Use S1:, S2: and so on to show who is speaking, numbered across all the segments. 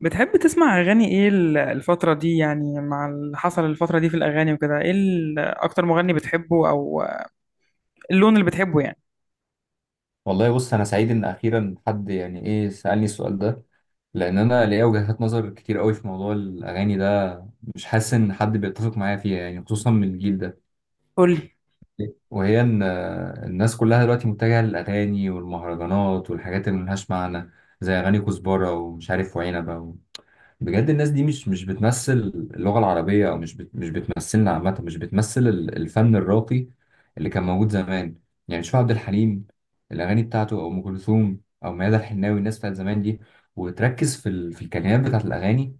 S1: بتحب تسمع أغاني إيه الفترة دي يعني مع اللي حصل الفترة دي في الأغاني وكده إيه أكتر مغني بتحبه أو اللون اللي بتحبه يعني؟
S2: والله بص، انا سعيد ان اخيرا حد يعني سالني السؤال ده. لان انا ليا وجهات نظر كتير قوي في موضوع الاغاني ده، مش حاسس ان حد بيتفق معايا فيها، يعني خصوصا من الجيل ده.
S1: قولي.
S2: وهي ان الناس كلها دلوقتي متجهه للاغاني والمهرجانات والحاجات اللي ملهاش معنى، زي اغاني كزبره ومش عارف وعنبه. بجد الناس دي مش بتمثل اللغة العربية، أو مش بتمثلنا عامة، مش بتمثل الفن الراقي اللي كان موجود زمان. يعني شوف عبد الحليم، الأغاني بتاعته، أو أم كلثوم، أو ميادة الحناوي، الناس بتاعت زمان دي، وتركز في الكلمات بتاعت الأغاني،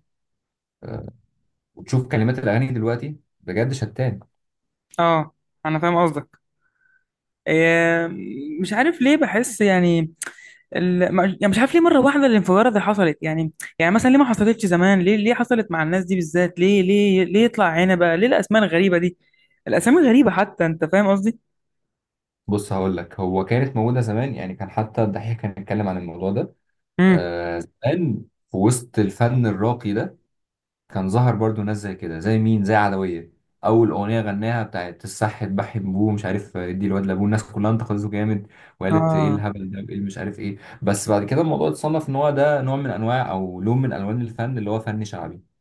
S2: وتشوف كلمات الأغاني دلوقتي، بجد شتان.
S1: آه، أنا فاهم قصدك. إيه، مش عارف ليه بحس يعني ال... ما- يعني مش عارف ليه مرة واحدة الانفجارة اللي حصلت يعني. يعني مثلا ليه ما حصلتش زمان؟ ليه ليه حصلت مع الناس دي بالذات؟ ليه ليه ليه يطلع هنا بقى ليه الأسماء الغريبة دي؟ الأسامي غريبة، حتى أنت فاهم قصدي؟
S2: بص هقول لك، هو كانت موجودة زمان، يعني كان حتى الدحيح كان بيتكلم عن الموضوع ده.
S1: امم
S2: آه زمان في وسط الفن الراقي ده كان ظهر برضو ناس زي كده، زي مين، زي عدوية. أول أغنية غناها بتاعت الصح اتبحي بابوه مش عارف ادي الواد لابوه، الناس كلها انتقدته جامد وقالت ايه
S1: آه،
S2: الهبل ده وايه اللي مش عارف ايه. بس بعد كده الموضوع اتصنف ان هو ده نوع من انواع او لون من الوان الفن، اللي هو فن شعبي،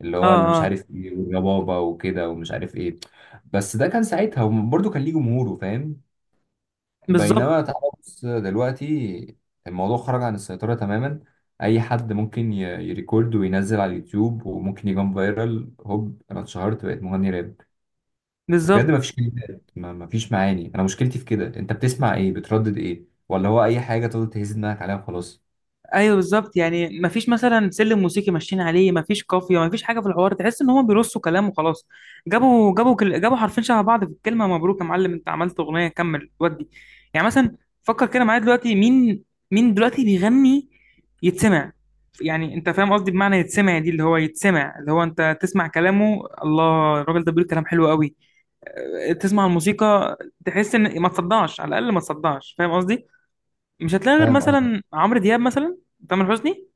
S2: اللي
S1: آه،
S2: هو اللي مش
S1: آه،
S2: عارف ايه والربابة وكده ومش عارف ايه. بس ده كان ساعتها، وبرضه كان ليه جمهوره، فاهم؟
S1: بالظبط.
S2: بينما تعالى بص دلوقتي، الموضوع خرج عن السيطرة تماما. أي حد ممكن يريكورد وينزل على اليوتيوب وممكن يجي فايرال، هوب أنا اتشهرت بقيت مغني راب. بجد
S1: بالظبط.
S2: مفيش كلمات، مفيش معاني. أنا مشكلتي في كده، أنت بتسمع إيه؟ بتردد إيه؟ ولا هو أي حاجة تقدر تهز دماغك عليها وخلاص؟
S1: ايوه، بالظبط. يعني مفيش مثلا سلم موسيقي ماشيين عليه، مفيش قافيه، مفيش حاجه في الحوار، تحس ان هم بيرصوا كلام وخلاص. جابوا جابوا حرفين شبه بعض في الكلمه، مبروك يا معلم انت عملت اغنيه، كمل ودي. يعني مثلا فكر كده معايا دلوقتي، مين؟ مين دلوقتي بيغني يتسمع؟ يعني انت فاهم قصدي بمعنى يتسمع دي، اللي هو يتسمع اللي هو انت تسمع كلامه، الله، الراجل ده بيقول كلام حلو قوي. أه، تسمع الموسيقى، تحس ان ما تصدعش، على الاقل ما تصدعش، فاهم قصدي؟ مش هتلاقي غير
S2: فاهم.
S1: مثلا عمرو دياب مثلا، تامر حسني.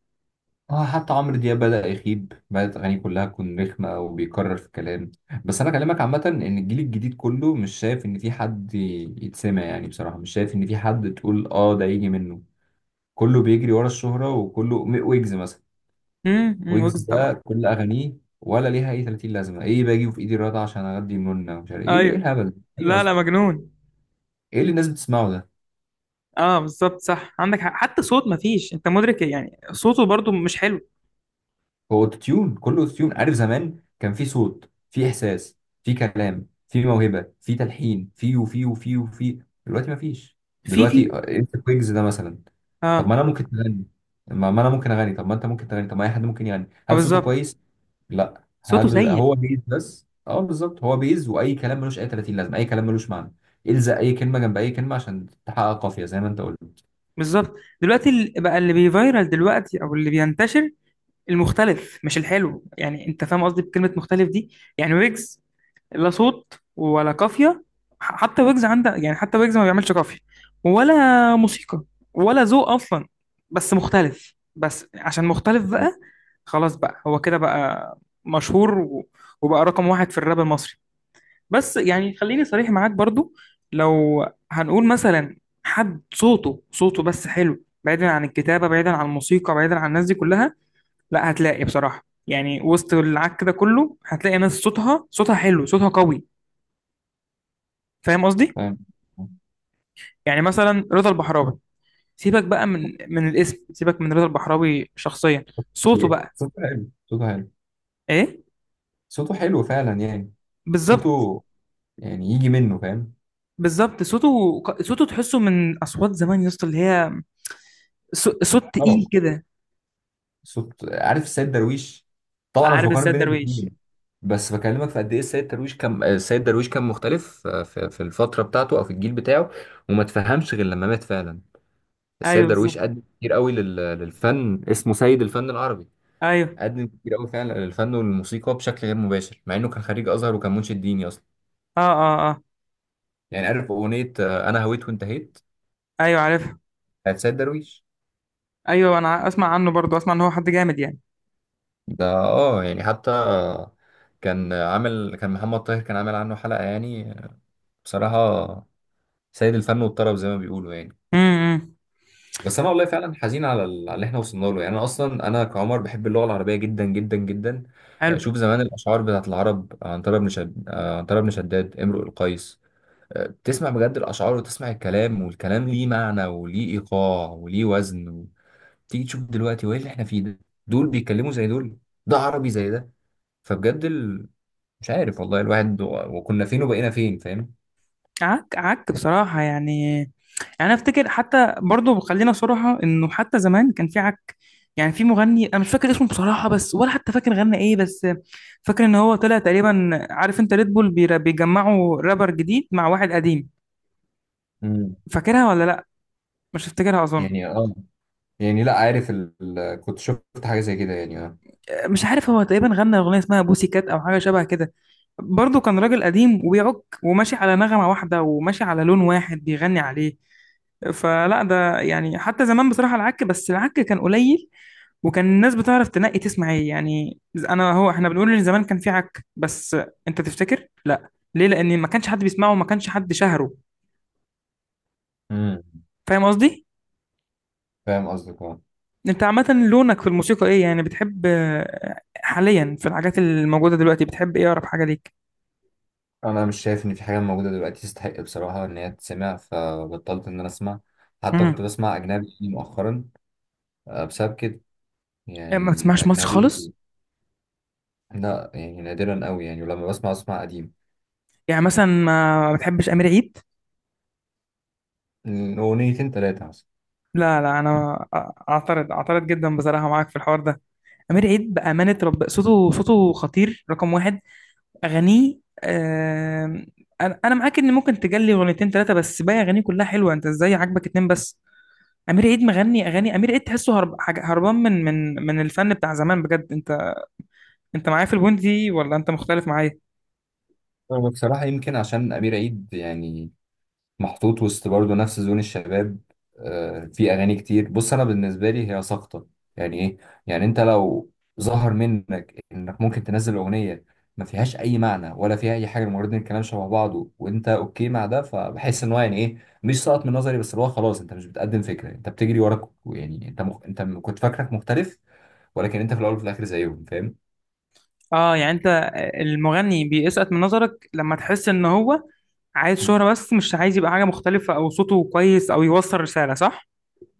S2: اه حتى عمرو دياب بدأ يخيب، بدأت أغانيه كلها تكون رخمة وبيكرر في كلام. بس أنا كلامك عامة، إن الجيل الجديد كله مش شايف إن في حد يتسمع، يعني بصراحة مش شايف إن في حد تقول آه ده يجي منه. كله بيجري ورا الشهرة، وكله ويجز مثلا.
S1: أمم،
S2: ويجز
S1: ويجز طبعا.
S2: ده كل أغانيه ولا ليها أي 30 لازمة، إيه باجي في إيدي الرضا عشان أغدي منى ومش عارف إيه؟ إيه
S1: ايوه.
S2: الهبل ده؟ إيه
S1: لا لا،
S2: أصلا
S1: مجنون.
S2: إيه اللي الناس بتسمعه ده؟
S1: اه، بالظبط، صح، عندك حق. حتى صوت ما فيش، انت مدرك يعني؟ صوته برضو مش حلو.
S2: هو اوتوتيون، كله اوتوتيون. عارف زمان كان في صوت، في احساس، في كلام، في موهبه، في تلحين، في وفي. دلوقتي مفيش.
S1: في
S2: دلوقتي
S1: في
S2: انت كويجز ده مثلا، طب ما
S1: اه.
S2: انا ممكن اغني، ما انا ممكن اغني، طب ما انت ممكن تغني، طب ما اي حد ممكن يغني.
S1: ما
S2: هل صوته
S1: بالظبط.
S2: كويس؟ لا.
S1: صوته
S2: هل
S1: سيء.
S2: هو بيز؟ بس اه بالظبط هو بيز، واي كلام ملوش اي 30 لازمه، اي كلام ملوش معنى. الزق اي كلمه جنب اي كلمه عشان تحقق قافيه زي ما انت قلت.
S1: بالظبط. دلوقتي بقى اللي بيفيرال دلوقتي او اللي بينتشر، المختلف مش الحلو، يعني انت فاهم قصدي بكلمة مختلف دي؟ يعني ويجز، لا صوت ولا قافية. حتى ويجز عندها يعني، حتى ويجز ما بيعملش قافية ولا موسيقى ولا ذوق أصلا، بس مختلف، بس عشان مختلف بقى خلاص بقى هو كده بقى مشهور وبقى رقم واحد في الراب المصري. بس يعني خليني صريح معاك برضو، لو هنقول مثلا حد صوته صوته بس حلو، بعيدا عن الكتابة، بعيدا عن الموسيقى، بعيدا عن الناس دي كلها، لا هتلاقي بصراحة، يعني وسط العك ده كله هتلاقي ناس صوتها صوتها حلو، صوتها قوي، فاهم قصدي؟
S2: فاهم.
S1: يعني مثلا رضا البحراوي، سيبك بقى من الاسم، سيبك من رضا البحراوي شخصيا، صوته بقى.
S2: صوته حلو. صوته حلو.
S1: ايه.
S2: صوته حلو فعلا، يعني
S1: بالظبط.
S2: صوته يعني يجي منه، فاهم.
S1: بالظبط صوته، صوته تحسه من اصوات زمان يا اسطى، اللي هي صوت
S2: طبعا.
S1: تقيل كده.
S2: صوت، عارف السيد درويش، طبعا أنا مش
S1: عارف
S2: بقارن
S1: السيد
S2: بين
S1: درويش؟
S2: الاثنين، بس بكلمك في قد ايه السيد درويش كان، السيد درويش كان مختلف في الفتره بتاعته او في الجيل بتاعه، وما تفهمش غير لما مات فعلا.
S1: ايوه
S2: السيد
S1: بالظبط.
S2: درويش قدم كتير قوي للفن، اسمه سيد الفن العربي.
S1: ايوه.
S2: قدم كتير قوي فعلا للفن والموسيقى بشكل غير مباشر، مع انه كان خريج ازهر وكان منشد ديني اصلا.
S1: اه اه اه.
S2: يعني عارف اغنيه انا هويت وانتهيت،
S1: ايوه عارفها.
S2: بتاعت سيد درويش.
S1: ايوه، اسمع عنه برضو، اسمع ان هو حد جامد يعني.
S2: ده اه يعني حتى كان عامل، كان محمد طاهر كان عامل عنه حلقة يعني. بصراحة سيد الفن والطرب زي ما بيقولوا يعني.
S1: إمم.
S2: بس انا والله فعلا حزين على على اللي احنا وصلنا له. يعني انا اصلا انا كعمر بحب اللغة العربية جدا جدا جدا.
S1: حلو.
S2: شوف زمان الاشعار بتاعت العرب، عنترة بن شد آه، عنترة بن شداد، امرؤ القيس. تسمع بجد الاشعار وتسمع الكلام، والكلام ليه معنى وليه ايقاع وليه وزن. تيجي تشوف دلوقتي وايه اللي احنا فيه ده؟ دول بيتكلموا زي دول؟ ده عربي زي ده؟ فبجد مش عارف والله الواحد وكنا فين وبقينا فين، فاهم؟
S1: عك عك بصراحة، يعني يعني افتكر حتى برضو، خلينا صراحة، انه حتى زمان كان في عك. يعني في مغني انا مش فاكر اسمه بصراحة، بس ولا حتى فاكر غنى ايه، بس فاكر ان هو طلع تقريبا، عارف انت ريد بول بيجمعوا رابر جديد مع واحد قديم،
S2: امم.
S1: فاكرها ولا لا؟ مش هفتكرها اظن.
S2: يعني اه يعني لا عارف كنت شفت حاجة زي كده يعني اه.
S1: مش عارف، هو تقريبا غنى اغنيه اسمها بوسي كات او حاجه شبه كده، برضه كان راجل قديم وبيعك وماشي على نغمه واحده وماشي على لون واحد بيغني عليه. فلا ده يعني حتى زمان بصراحه العك، بس العك كان قليل، وكان الناس بتعرف تنقي تسمع ايه يعني. انا هو احنا بنقول ان زمان كان في عك، بس انت تفتكر لا ليه؟ لان ما كانش حد بيسمعه وما كانش حد شهره،
S2: امم.
S1: فاهم قصدي؟
S2: فاهم قصدك اه.
S1: انت عامه لونك في الموسيقى ايه يعني؟ بتحب آه، حاليا في الحاجات الموجوده دلوقتي بتحب ايه؟ اقرب حاجه ليك.
S2: انا مش شايف ان في حاجة موجودة دلوقتي تستحق بصراحة ان هي تتسمع، فبطلت ان انا اسمع. حتى كنت
S1: مم.
S2: بسمع اجنبي يعني مؤخرا، بسبب كده،
S1: يعني ما
S2: يعني
S1: بتسمعش مصر خالص؟
S2: الاجنبي. لا يعني نادرا قوي يعني، ولما بسمع اسمع قديم.
S1: يعني مثلا ما بتحبش امير عيد؟
S2: اغنيتين ثلاثة مثلا.
S1: لا لا، اعترض، اعترض جدا بصراحه معاك في الحوار ده. امير عيد بامانه رب صوته، صوته خطير، رقم واحد، اغانيه. آم، انا معاك ان ممكن تجلي اغنيتين ثلاثه، بس باقي اغانيه كلها حلوه، انت ازاي عاجبك اتنين بس؟ امير عيد مغني اغاني، امير عيد تحسه هرب هربان من الفن بتاع زمان بجد، انت انت معايا في البوينت دي ولا انت مختلف معايا؟
S2: هو بصراحة يمكن عشان أمير عيد يعني محطوط وسط برضه نفس زون الشباب. في اغاني كتير بص انا بالنسبه لي هي ساقطه. يعني ايه؟ يعني انت لو ظهر منك انك ممكن تنزل اغنيه ما فيهاش اي معنى ولا فيها اي حاجه، مجرد ان الكلام شبه بعضه وانت اوكي مع ده، فبحس ان هو يعني ايه، مش ساقط من نظري بس اللي هو خلاص انت مش بتقدم فكره، انت بتجري وراك يعني، انت كنت فاكرك مختلف، ولكن انت في الاول وفي الاخر زيهم، فاهم.
S1: اه يعني انت المغني بيسقط من نظرك لما تحس ان هو عايز شهرة بس، مش عايز يبقى حاجة مختلفة أو صوته كويس أو يوصل رسالة، صح؟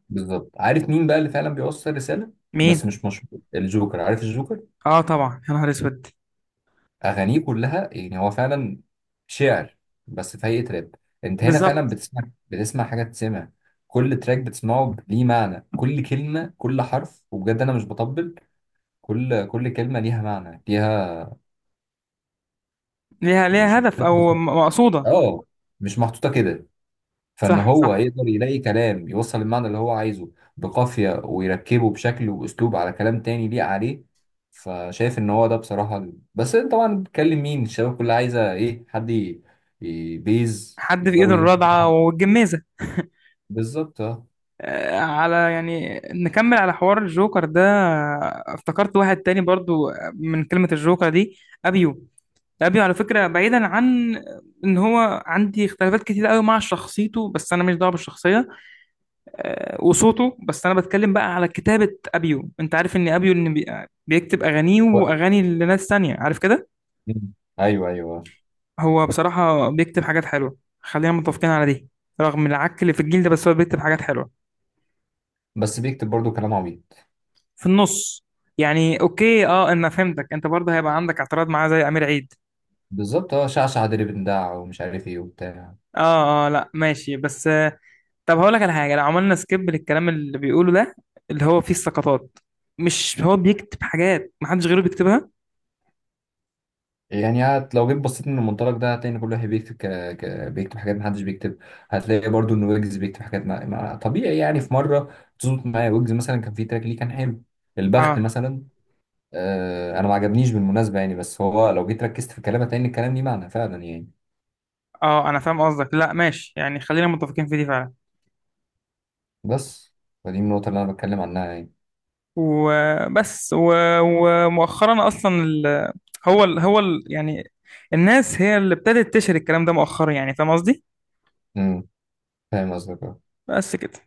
S2: بالظبط. عارف مين بقى اللي فعلا بيوصل رساله بس
S1: مين؟
S2: مش مشهور؟ الجوكر، عارف الجوكر؟
S1: آه طبعا، يا نهار أسود.
S2: اغانيه كلها، يعني هو فعلا شعر بس في هيئه راب. انت هنا فعلا
S1: بالظبط.
S2: بتسمع، بتسمع حاجه، تسمع. كل تراك بتسمعه ليه معنى، كل كلمه، كل حرف، وبجد انا مش بطبل. كل كلمه ليها معنى، ليها،
S1: ليها
S2: مش
S1: هدف،
S2: عارف
S1: أو
S2: أوصف.
S1: مقصودة.
S2: اه. مش محطوطه كده، فان
S1: صح
S2: هو
S1: صح.
S2: يقدر يلاقي كلام يوصل المعنى اللي هو عايزه بقافية، ويركبه بشكل واسلوب على كلام تاني ليه عليه. فشايف ان هو ده بصراحة بس انت طبعا بتكلم مين؟ الشباب كلها عايزة ايه؟ حد بيز،
S1: حد في إيده
S2: يفضلوا يهزوا
S1: الرضعة
S2: بعض.
S1: والجمازة
S2: بالظبط اه.
S1: آه، على يعني نكمل على حوار الجوكر ده، آه، افتكرت واحد تاني برضو من كلمة الجوكر دي، أبيو. أبيو على فكرة، بعيدا عن إن هو عندي اختلافات كتير قوي مع شخصيته، بس أنا مش دعوة بالشخصية آه، وصوته، بس انا بتكلم بقى على كتابة ابيو، انت عارف ان ابيو بيكتب اغانيه
S2: و-
S1: واغاني لناس تانية، عارف كده؟
S2: مم. ايوه ايوه آه.
S1: هو بصراحة بيكتب حاجات حلوة، خلينا متفقين على دي، رغم العك اللي في الجيل ده، بس هو بيكتب حاجات حلوة
S2: بس بيكتب برضو كلام عبيط.
S1: في النص. يعني اوكي، اه انا فهمتك، انت برضه هيبقى عندك اعتراض معاه زي امير عيد.
S2: بالظبط اه، شعشع دربندع ومش عارف ايه وبتاع.
S1: اه اه، لا ماشي، بس آه، طب هقول لك على حاجة، لو عملنا سكيب للكلام اللي بيقوله ده اللي هو فيه السقطات، مش هو بيكتب حاجات محدش غيره بيكتبها؟
S2: يعني هت لو جيت بصيت من المنطلق ده هتلاقي ان كل واحد بيكتب بيكتب حاجات محدش بيكتب. هتلاقي برضو ان ويجز بيكتب حاجات طبيعي يعني. في مره تظبط معايا ويجز، مثلا كان في تراك ليه كان حلو، البخت
S1: اه
S2: مثلا. آه انا ما عجبنيش بالمناسبه يعني، بس هو لو جيت ركزت في كلامه هتلاقي ان الكلام ليه معنى فعلا يعني.
S1: اه انا فاهم قصدك، لا ماشي يعني، خلينا متفقين في دي فعلا.
S2: بس فدي النقطه اللي انا بتكلم عنها يعني.
S1: وبس ومؤخرا اصلا يعني الناس هي اللي ابتدت تشهر الكلام ده مؤخرا، يعني فاهم قصدي؟
S2: امم. فاهم قصدك.
S1: بس كده.